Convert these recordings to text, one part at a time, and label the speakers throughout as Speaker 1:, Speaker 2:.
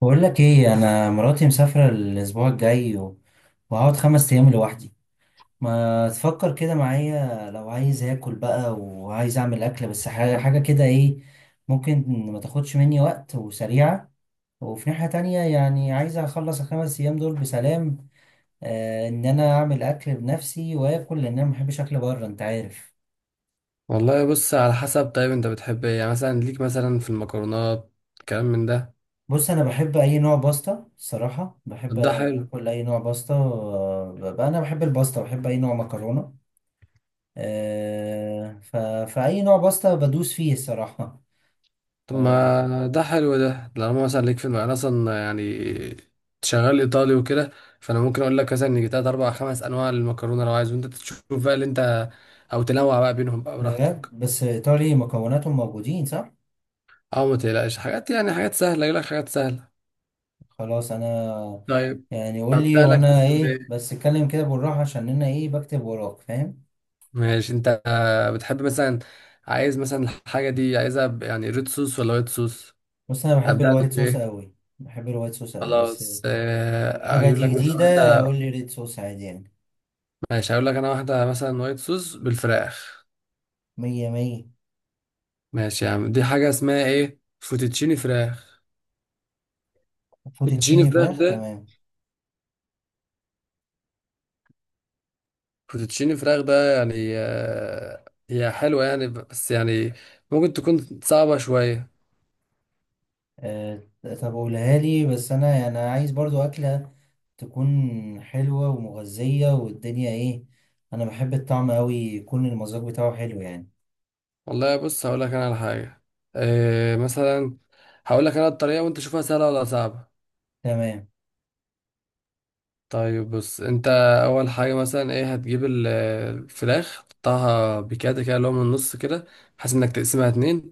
Speaker 1: بقول لك ايه، انا مراتي مسافره الاسبوع الجاي وهقعد خمس ايام لوحدي. ما تفكر كده معايا؟ لو عايز اكل بقى وعايز اعمل اكله بس حاجه حاجه كده ايه ممكن، ما تاخدش مني وقت وسريعه. وفي ناحيه تانية يعني عايز اخلص الخمس ايام دول بسلام، ان انا اعمل اكل بنفسي واكل، لان انا ما بحبش اكل بره، انت عارف.
Speaker 2: والله بص على حسب. طيب انت بتحب ايه يعني، مثلا ليك مثلا في المكرونات كلام من ده؟
Speaker 1: بص انا بحب اي نوع باستا، الصراحه بحب
Speaker 2: طب ده حلو.
Speaker 1: اكل اي نوع باستا، بقى انا بحب الباستا، بحب اي نوع مكرونه. آه، ف... فأي نوع باستا بدوس فيه الصراحة. ف...
Speaker 2: طب ما ده حلو. ده لما مثلا ليك انا اصلا يعني شغال ايطالي وكده. فانا ممكن اقول لك مثلا ان تلات اربع خمس انواع للمكرونه لو عايز، وانت تشوف بقى اللي انت، او تنوع بقى بينهم بقى
Speaker 1: بجد
Speaker 2: براحتك.
Speaker 1: بس إيطالي مكوناتهم موجودين صح؟
Speaker 2: او ما تقلقش حاجات، يعني حاجات سهله، اجيب لك حاجات سهله.
Speaker 1: خلاص أنا
Speaker 2: طيب
Speaker 1: يعني قول لي،
Speaker 2: ابدا لك
Speaker 1: وأنا
Speaker 2: مثلا
Speaker 1: إيه
Speaker 2: بايه؟
Speaker 1: بس اتكلم كده بالراحة عشان أنا إيه بكتب وراك، فاهم؟
Speaker 2: ماشي. انت بتحب مثلا، عايز مثلا الحاجه دي عايزها ب- يعني ريد صوص ولا وايت صوص؟
Speaker 1: بص أنا بحب
Speaker 2: ابدا لك
Speaker 1: الوايت صوص
Speaker 2: بايه؟
Speaker 1: أوي، بحب الوايت صوص أوي بس
Speaker 2: خلاص
Speaker 1: لو... الحاجة
Speaker 2: اقول
Speaker 1: دي
Speaker 2: لك مثلا
Speaker 1: جديدة.
Speaker 2: واحده.
Speaker 1: قول لي ريد صوص عادي يعني،
Speaker 2: ماشي، هقول لك انا واحده مثلا وايت صوص بالفراخ.
Speaker 1: مية مية.
Speaker 2: ماشي يا عم، دي حاجه اسمها ايه، فوتوتشيني فراخ. فوتوتشيني
Speaker 1: فوتوتشيني
Speaker 2: فراخ
Speaker 1: فراخ،
Speaker 2: ده،
Speaker 1: تمام.
Speaker 2: فوتوتشيني فراخ ده يعني هي حلوه يعني، بس يعني ممكن تكون صعبه شويه.
Speaker 1: أه... طب قولها لي، بس أنا يعني عايز برضو أكلة تكون حلوة ومغذية والدنيا ايه، انا بحب الطعم قوي، يكون المذاق بتاعه حلو يعني.
Speaker 2: والله بص، هقول لك انا على حاجه. مثلا هقول لك انا الطريقه وانت شوفها سهله ولا صعبه.
Speaker 1: تمام.
Speaker 2: طيب بص انت، اول حاجه مثلا ايه، هتجيب الفراخ تقطعها بكده كده، اللي هو من النص كده، بحيث انك تقسمها اتنين.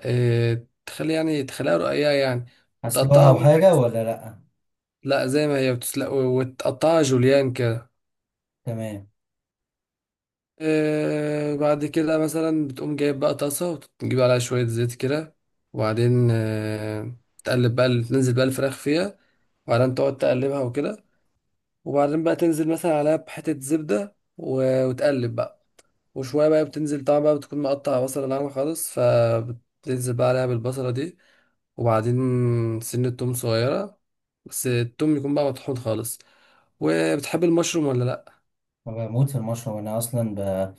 Speaker 2: اه تخلي يعني تخليها رقيقه يعني،
Speaker 1: هسلقها
Speaker 2: وتقطعها
Speaker 1: او
Speaker 2: بقى
Speaker 1: حاجة ولا لأ؟
Speaker 2: لا زي ما هي، وتسلق وتقطعها جوليان كده.
Speaker 1: تمام.
Speaker 2: اه بعد كده مثلا بتقوم جايب بقى طاسه، وتجيب عليها شويه زيت كده، وبعدين تقلب بقى تنزل بقى الفراخ فيها. وبعدين تقعد تقلبها وكده. وبعدين بقى تنزل مثلا عليها بحته زبده وتقلب بقى. وشوية بقى بتنزل طبعا بقى، بتكون مقطع بصلة ناعمة خالص، فبتنزل بقى عليها بالبصلة دي. وبعدين سنة توم صغيرة، بس التوم يكون بقى مطحون خالص. وبتحب المشروم ولا لأ؟
Speaker 1: أنا بموت في المشروم، انا اصلا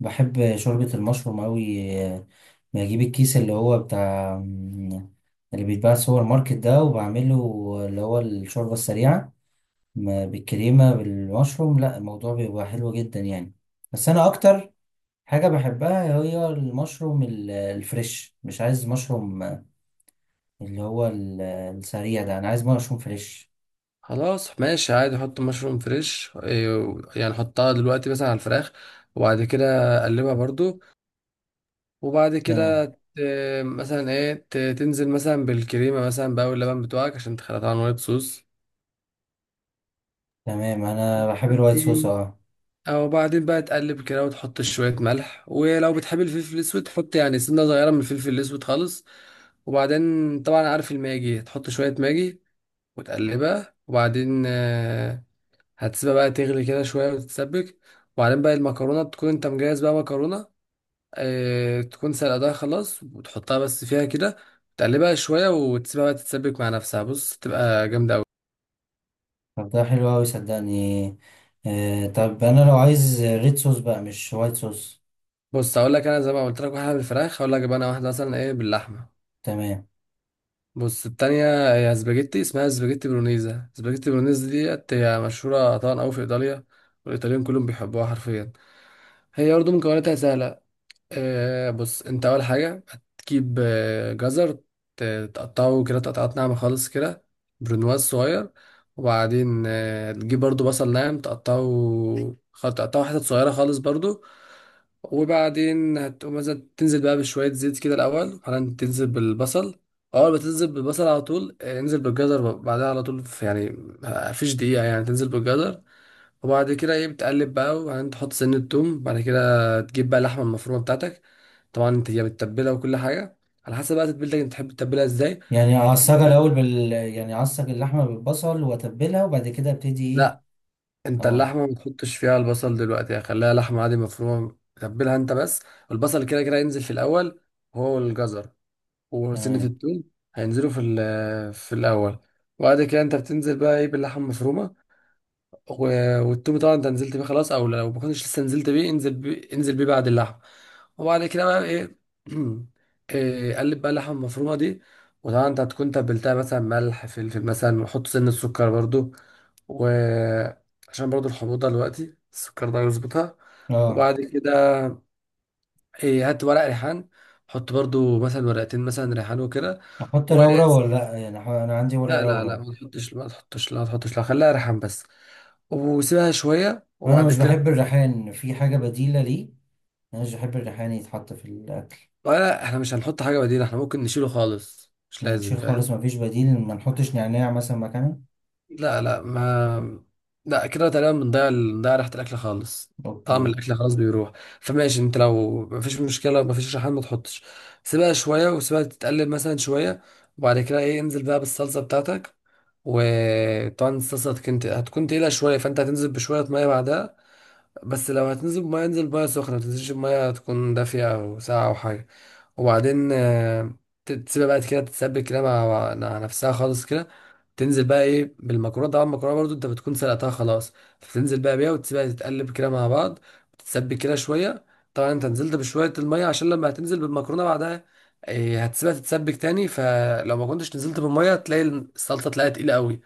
Speaker 1: بحب شوربة المشروم قوي. بجيب الكيس اللي هو بتاع اللي بيتباع في السوبر ماركت ده وبعمله، اللي هو الشوربة السريعة، بالكريمة بالمشروم. لا الموضوع بيبقى حلو جدا يعني. بس انا اكتر حاجة بحبها هي المشروم الفريش، مش عايز مشروم اللي هو السريع ده، أنا عايز مشروم فريش.
Speaker 2: خلاص ماشي عادي، حط مشروم فريش يعني حطها دلوقتي مثلا على الفراخ. وبعد كده قلبها برضو. وبعد
Speaker 1: تمام
Speaker 2: كده مثلا ايه، تنزل مثلا بالكريمة مثلا بقى واللبن بتوعك، عشان تخلطها عن وايت صوص.
Speaker 1: تمام، أنا بحب الوايت صوص، أه.
Speaker 2: او بعدين بقى تقلب كده، وتحط شوية ملح، ولو بتحب الفلفل الاسود تحط يعني سنة صغيرة من الفلفل الاسود خالص. وبعدين طبعا عارف الماجي، تحط شوية ماجي وتقلبها. وبعدين هتسيبها بقى تغلي كده شوية وتتسبك. وبعدين بقى المكرونة تكون انت مجهز بقى مكرونة، تكون سلقتها خلاص، وتحطها بس فيها كده، تقلبها شوية، وتسيبها بقى تتسبك مع نفسها. بص تبقى جامدة أوي.
Speaker 1: طب ده حلو أوي صدقني. طب أنا لو عايز ريد صوص بقى مش وايت صوص؟
Speaker 2: بص هقول لك انا، زي ما قلت لك واحدة بالفراخ، هقول لك بقى انا واحدة مثلا ايه باللحمة.
Speaker 1: تمام.
Speaker 2: بص التانية هي سباجيتي، اسمها سباجيتي برونيزا. سباجيتي برونيزا ديت هي مشهورة طبعا أوي في إيطاليا، والإيطاليين كلهم بيحبوها حرفيا. هي برضه مكوناتها سهلة. بص انت، اول حاجه هتجيب جزر، تقطعه كده تقطعات ناعمه خالص كده، برونواز صغير. وبعدين تجيب برضو بصل ناعم، تقطعه تقطعه حتت صغيره خالص برضو. وبعدين هتقوم مثلا تنزل بقى بشويه زيت كده الاول، وبعدين تنزل بالبصل. اول ما تنزل بالبصل على طول انزل بالجزر بعدها على طول، في يعني مفيش دقيقه يعني تنزل بالجزر. وبعد كده ايه بتقلب بقى، وبعدين تحط سنة توم. بعد كده تجيب بقى اللحمة المفرومة بتاعتك، طبعا انت هي متبلة وكل حاجة، على حسب بقى تتبيلتك انت تحب تتبلها ازاي.
Speaker 1: يعني أعصجها الأول يعني أعصج اللحمة بالبصل وأتبلها، وبعد كده أبتدي إيه؟
Speaker 2: لا، انت
Speaker 1: أه.
Speaker 2: اللحمة ما تحطش فيها البصل دلوقتي، يعني خليها لحمة عادي مفرومة، تتبلها انت بس. والبصل كده كده ينزل في الأول، هو الجزر وسنة
Speaker 1: تمام.
Speaker 2: التوم هينزلوا في في الأول. وبعد كده انت بتنزل بقى ايه باللحمة المفرومة. والتومي طبعا انت نزلت بيه خلاص، او لو ما كنتش لسه نزلت بيه، انزل بيه بعد اللحم. وبعد كده بقى ايه قلب بقى اللحمه المفرومه دي. وطبعا انت هتكون تبلتها مثلا ملح فلفل مثلا، وحط سن السكر برضو، وعشان برضو الحموضه دلوقتي السكر ده يظبطها.
Speaker 1: أه،
Speaker 2: وبعد كده إيه، هات ورق ريحان، حط برضو مثلا ورقتين مثلا ريحان وكده.
Speaker 1: أحط
Speaker 2: و
Speaker 1: رورة ولا لأ يعني؟ أنا عندي ورق
Speaker 2: لا لا لا،
Speaker 1: رورة.
Speaker 2: ما تحطش ما تحطش، لا ما تحطش، لا خليها ريحان بس. وسيبها شويه،
Speaker 1: وأنا
Speaker 2: وبعد
Speaker 1: مش
Speaker 2: كده
Speaker 1: بحب الريحان، في حاجة بديلة ليه؟ مش بحب الريحان يتحط في الأكل.
Speaker 2: ولا. احنا مش هنحط حاجة بديلة، احنا ممكن نشيله خالص، مش
Speaker 1: يعني
Speaker 2: لازم،
Speaker 1: نشيل
Speaker 2: فاهم؟
Speaker 1: خالص، مفيش بديل؟ ما نحطش نعناع مثلا مكانه؟
Speaker 2: لا لا ما، لا كده تقريبا بنضيع ريحة الأكل خالص، طعم
Speaker 1: أوكي.
Speaker 2: الأكل خلاص بيروح. فماشي انت لو مفيش مشكلة، مفيش ريحان ما تحطش. سيبها شوية، وسيبها تتقلب مثلا شوية، وبعد كده ايه، انزل بقى بالصلصة بتاعتك. وطبعا الصلصة هتكون تقيلة شوية، فانت هتنزل بشوية مية بعدها. بس لو هتنزل بمية، انزل بمية سخنة، متنزلش بمية تكون دافية أو ساقعة أو حاجة. وبعدين تسيبها بقى كده تتسبك كده مع نفسها خالص كده. تنزل بقى ايه بالمكرونة. طبعا المكرونة برضو انت بتكون سلقتها خلاص، فتنزل بقى بيها، وتسيبها تتقلب كده مع بعض، تتسبك كده شوية. طبعا انت نزلت بشوية المية، عشان لما هتنزل بالمكرونة بعدها إيه، هتسيبها تتسبك تاني. فلو ما كنتش نزلت بالمية تلاقي الصلصة تلاقيها تقيلة قوي.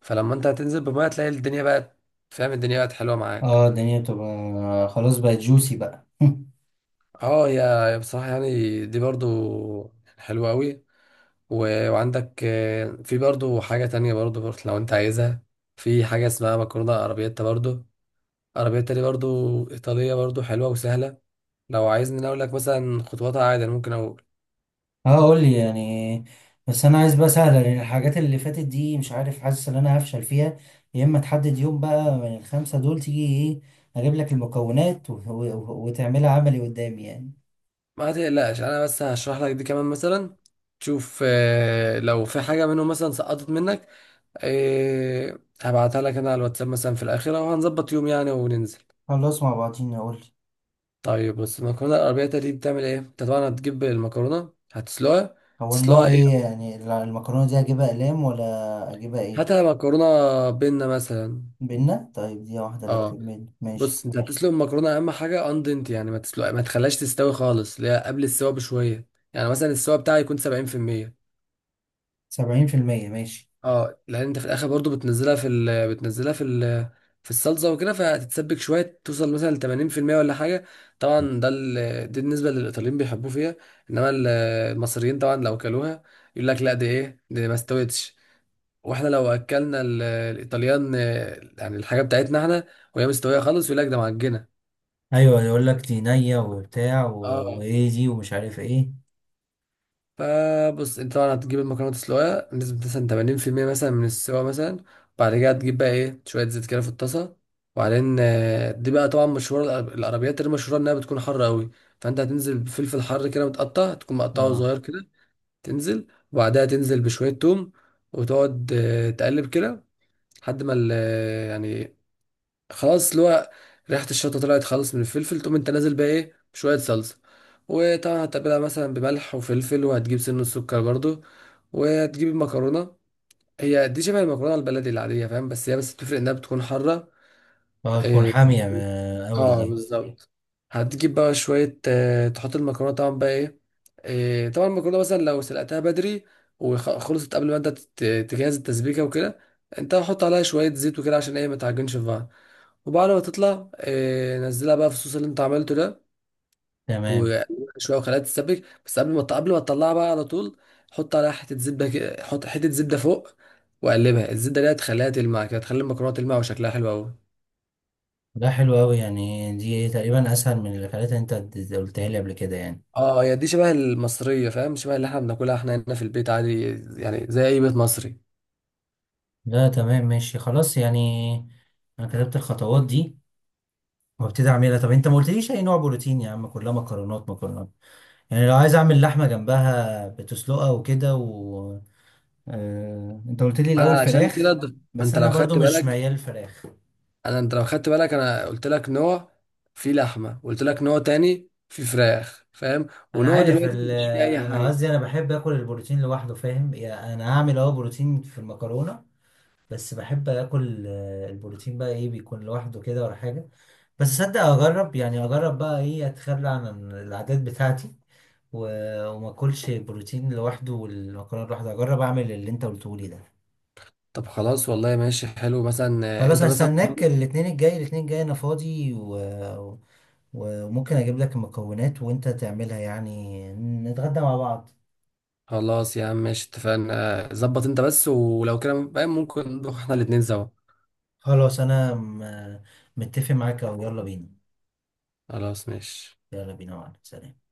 Speaker 2: فلما انت هتنزل بالمية تلاقي الدنيا بقت، فاهم، الدنيا بقت حلوة معاك.
Speaker 1: اه الدنيا بتبقى خلاص، بقت جوسي بقى.
Speaker 2: اه يا بصراحة يعني دي برضو حلوة قوي. وعندك في برضو حاجة تانية برضو لو انت عايزها، في حاجة اسمها مكرونة ارابياتا برضو. ارابياتا دي برضو ايطالية، برضو حلوة وسهلة. لو عايزني أنا اقول لك مثلا خطواتها عادي، أنا ممكن اقول.
Speaker 1: اه، قولي يعني. بس أنا عايز بقى سهلة، لأن الحاجات اللي فاتت دي مش عارف، حاسس إن أنا هفشل فيها. يا إما تحدد يوم بقى من الخمسة دول تيجي، إيه أجيب لك المكونات وتعملها عملي قدامي يعني.
Speaker 2: ما تقلقش انا بس هشرح لك دي كمان مثلا، تشوف لو في حاجة منهم مثلا سقطت منك، هبعتها لك انا على الواتساب مثلا في الاخرة، وهنظبط يوم يعني وننزل.
Speaker 1: خلاص مع بعضينا، قولي.
Speaker 2: طيب بص، المكرونه الاربعية دي بتعمل ايه. انت طبعا هتجيب المكرونه هتسلقها.
Speaker 1: هو النوع
Speaker 2: تسلقها ايه،
Speaker 1: إيه يعني، المكرونة دي أجيبها أقلام ولا أجيبها إيه؟
Speaker 2: هاتها مكرونه بينا مثلا.
Speaker 1: بينا. طيب دي واحدة،
Speaker 2: اه
Speaker 1: بكتب بينا، ماشي.
Speaker 2: بص انت هتسلق المكرونه، اهم حاجه اندنت يعني ما تسلق، ما تخليهاش تستوي خالص، اللي هي قبل السوا بشويه، يعني مثلا السوا بتاعها يكون 70%.
Speaker 1: 70%، ماشي.
Speaker 2: اه لان انت في الاخر برضو بتنزلها في في الصلصه وكده، فهتتسبك شويه، توصل مثلا ل 80% ولا حاجه. طبعا ده دي بالنسبه للايطاليين بيحبوه فيها. انما المصريين طبعا لو كلوها يقول لك لا، دي ايه دي، ما استوتش. واحنا لو اكلنا الايطاليان يعني الحاجه بتاعتنا احنا، وهي مستويه خالص، يقول لك ده معجنه.
Speaker 1: أيوة يقول لك دي نية وبتاع
Speaker 2: اه
Speaker 1: وإيه دي ومش عارف إيه.
Speaker 2: فبص انت طبعا هتجيب المكرونه تسلقها بنسبه مثلا 80% مثلا من السوا مثلا. بعد كده هتجيب بقى ايه شويه زيت كده في الطاسه. وبعدين دي بقى طبعا مشهوره، العربيات اللي مشهوره انها بتكون حاره قوي. فانت هتنزل بفلفل حر كده متقطع، تكون مقطعه
Speaker 1: أه
Speaker 2: صغير كده، تنزل. وبعدها تنزل بشويه توم، وتقعد تقلب كده لحد ما يعني خلاص اللي هو ريحه الشطه طلعت خالص من الفلفل. تقوم انت نازل بقى ايه بشويه صلصه، وطبعا هتتبلها مثلا بملح وفلفل، وهتجيب سن السكر برضو، وهتجيب المكرونه. هي دي شبه المكرونه البلدي العاديه، فاهم، هي بس بتفرق انها بتكون حاره
Speaker 1: أه، تكون
Speaker 2: إيه،
Speaker 1: حامية أوي
Speaker 2: اه
Speaker 1: دي.
Speaker 2: بالظبط. هتجيب بقى شوية تحط المكرونة طبعا بقى ايه. طبعا المكرونة مثلا لو سلقتها بدري، وخلصت قبل ما انت تجهز التسبيكة وكده، انت حط عليها شوية زيت وكده، عشان ايه ما تعجنش في بعض. وبعد ما تطلع نزلها بقى في الصوص اللي انت عملته ده،
Speaker 1: تمام،
Speaker 2: وقلبها شوية، وخليها تتسبك، بس قبل ما تطلعها بقى على طول، حط عليها حتة زبدة حط حتة زبدة فوق، وقلبها. الزبدة دي هتخليها تلمع كده، هتخلي المكرونة تلمع وشكلها حلو أوي.
Speaker 1: ده حلو أوي يعني، دي إيه تقريبا أسهل من الحاجات اللي خليتها أنت، قلتها لي قبل كده يعني.
Speaker 2: اه هي دي شبه المصرية، فاهم، شبه اللي احنا بناكلها احنا هنا في البيت عادي، يعني زي اي بيت مصري.
Speaker 1: لا تمام ماشي خلاص يعني، أنا كتبت الخطوات دي وابتدي أعملها. طب أنت ما قلتليش أي نوع بروتين يا عم؟ كلها مكرونات مكرونات، يعني لو عايز أعمل لحمة جنبها بتسلقها وكده. انت قلت لي
Speaker 2: ما انا
Speaker 1: الاول
Speaker 2: علشان كده
Speaker 1: فراخ،
Speaker 2: ما
Speaker 1: بس
Speaker 2: انت
Speaker 1: انا
Speaker 2: لو
Speaker 1: برضو
Speaker 2: خدت
Speaker 1: مش
Speaker 2: بالك،
Speaker 1: ميال فراخ.
Speaker 2: انت لو خدت بالك، انا قلت لك نوع في لحمة، وقلت لك نوع تاني في فراخ، فاهم،
Speaker 1: انا
Speaker 2: ونوع
Speaker 1: عارف
Speaker 2: دلوقتي
Speaker 1: ال-
Speaker 2: مفيش فيه اي
Speaker 1: انا
Speaker 2: حاجة.
Speaker 1: قصدي انا بحب اكل البروتين لوحده، فاهم؟ يعني انا هعمل بروتين في المكرونه، بس بحب اكل البروتين بقى ايه، بيكون لوحده كده ولا حاجه. بس صدق اجرب بقى ايه، اتخلى عن العادات بتاعتي وما اكلش البروتين لوحده والمكرونه لوحده، اجرب اعمل اللي انت قلته لي ده.
Speaker 2: طب خلاص والله، ماشي حلو مثلا.
Speaker 1: خلاص
Speaker 2: انت مثلا،
Speaker 1: هستناك الاثنين الجاي الاثنين الجاي، انا فاضي وممكن اجيب لك المكونات وانت تعملها يعني، نتغدى مع بعض.
Speaker 2: خلاص يا عم ماشي اتفقنا. ظبط انت بس ولو كده فاهم، ممكن نروح احنا الاتنين سوا.
Speaker 1: خلاص انا متفق معاك، او يلا بينا،
Speaker 2: خلاص ماشي.
Speaker 1: يلا بينا معاك، سلام.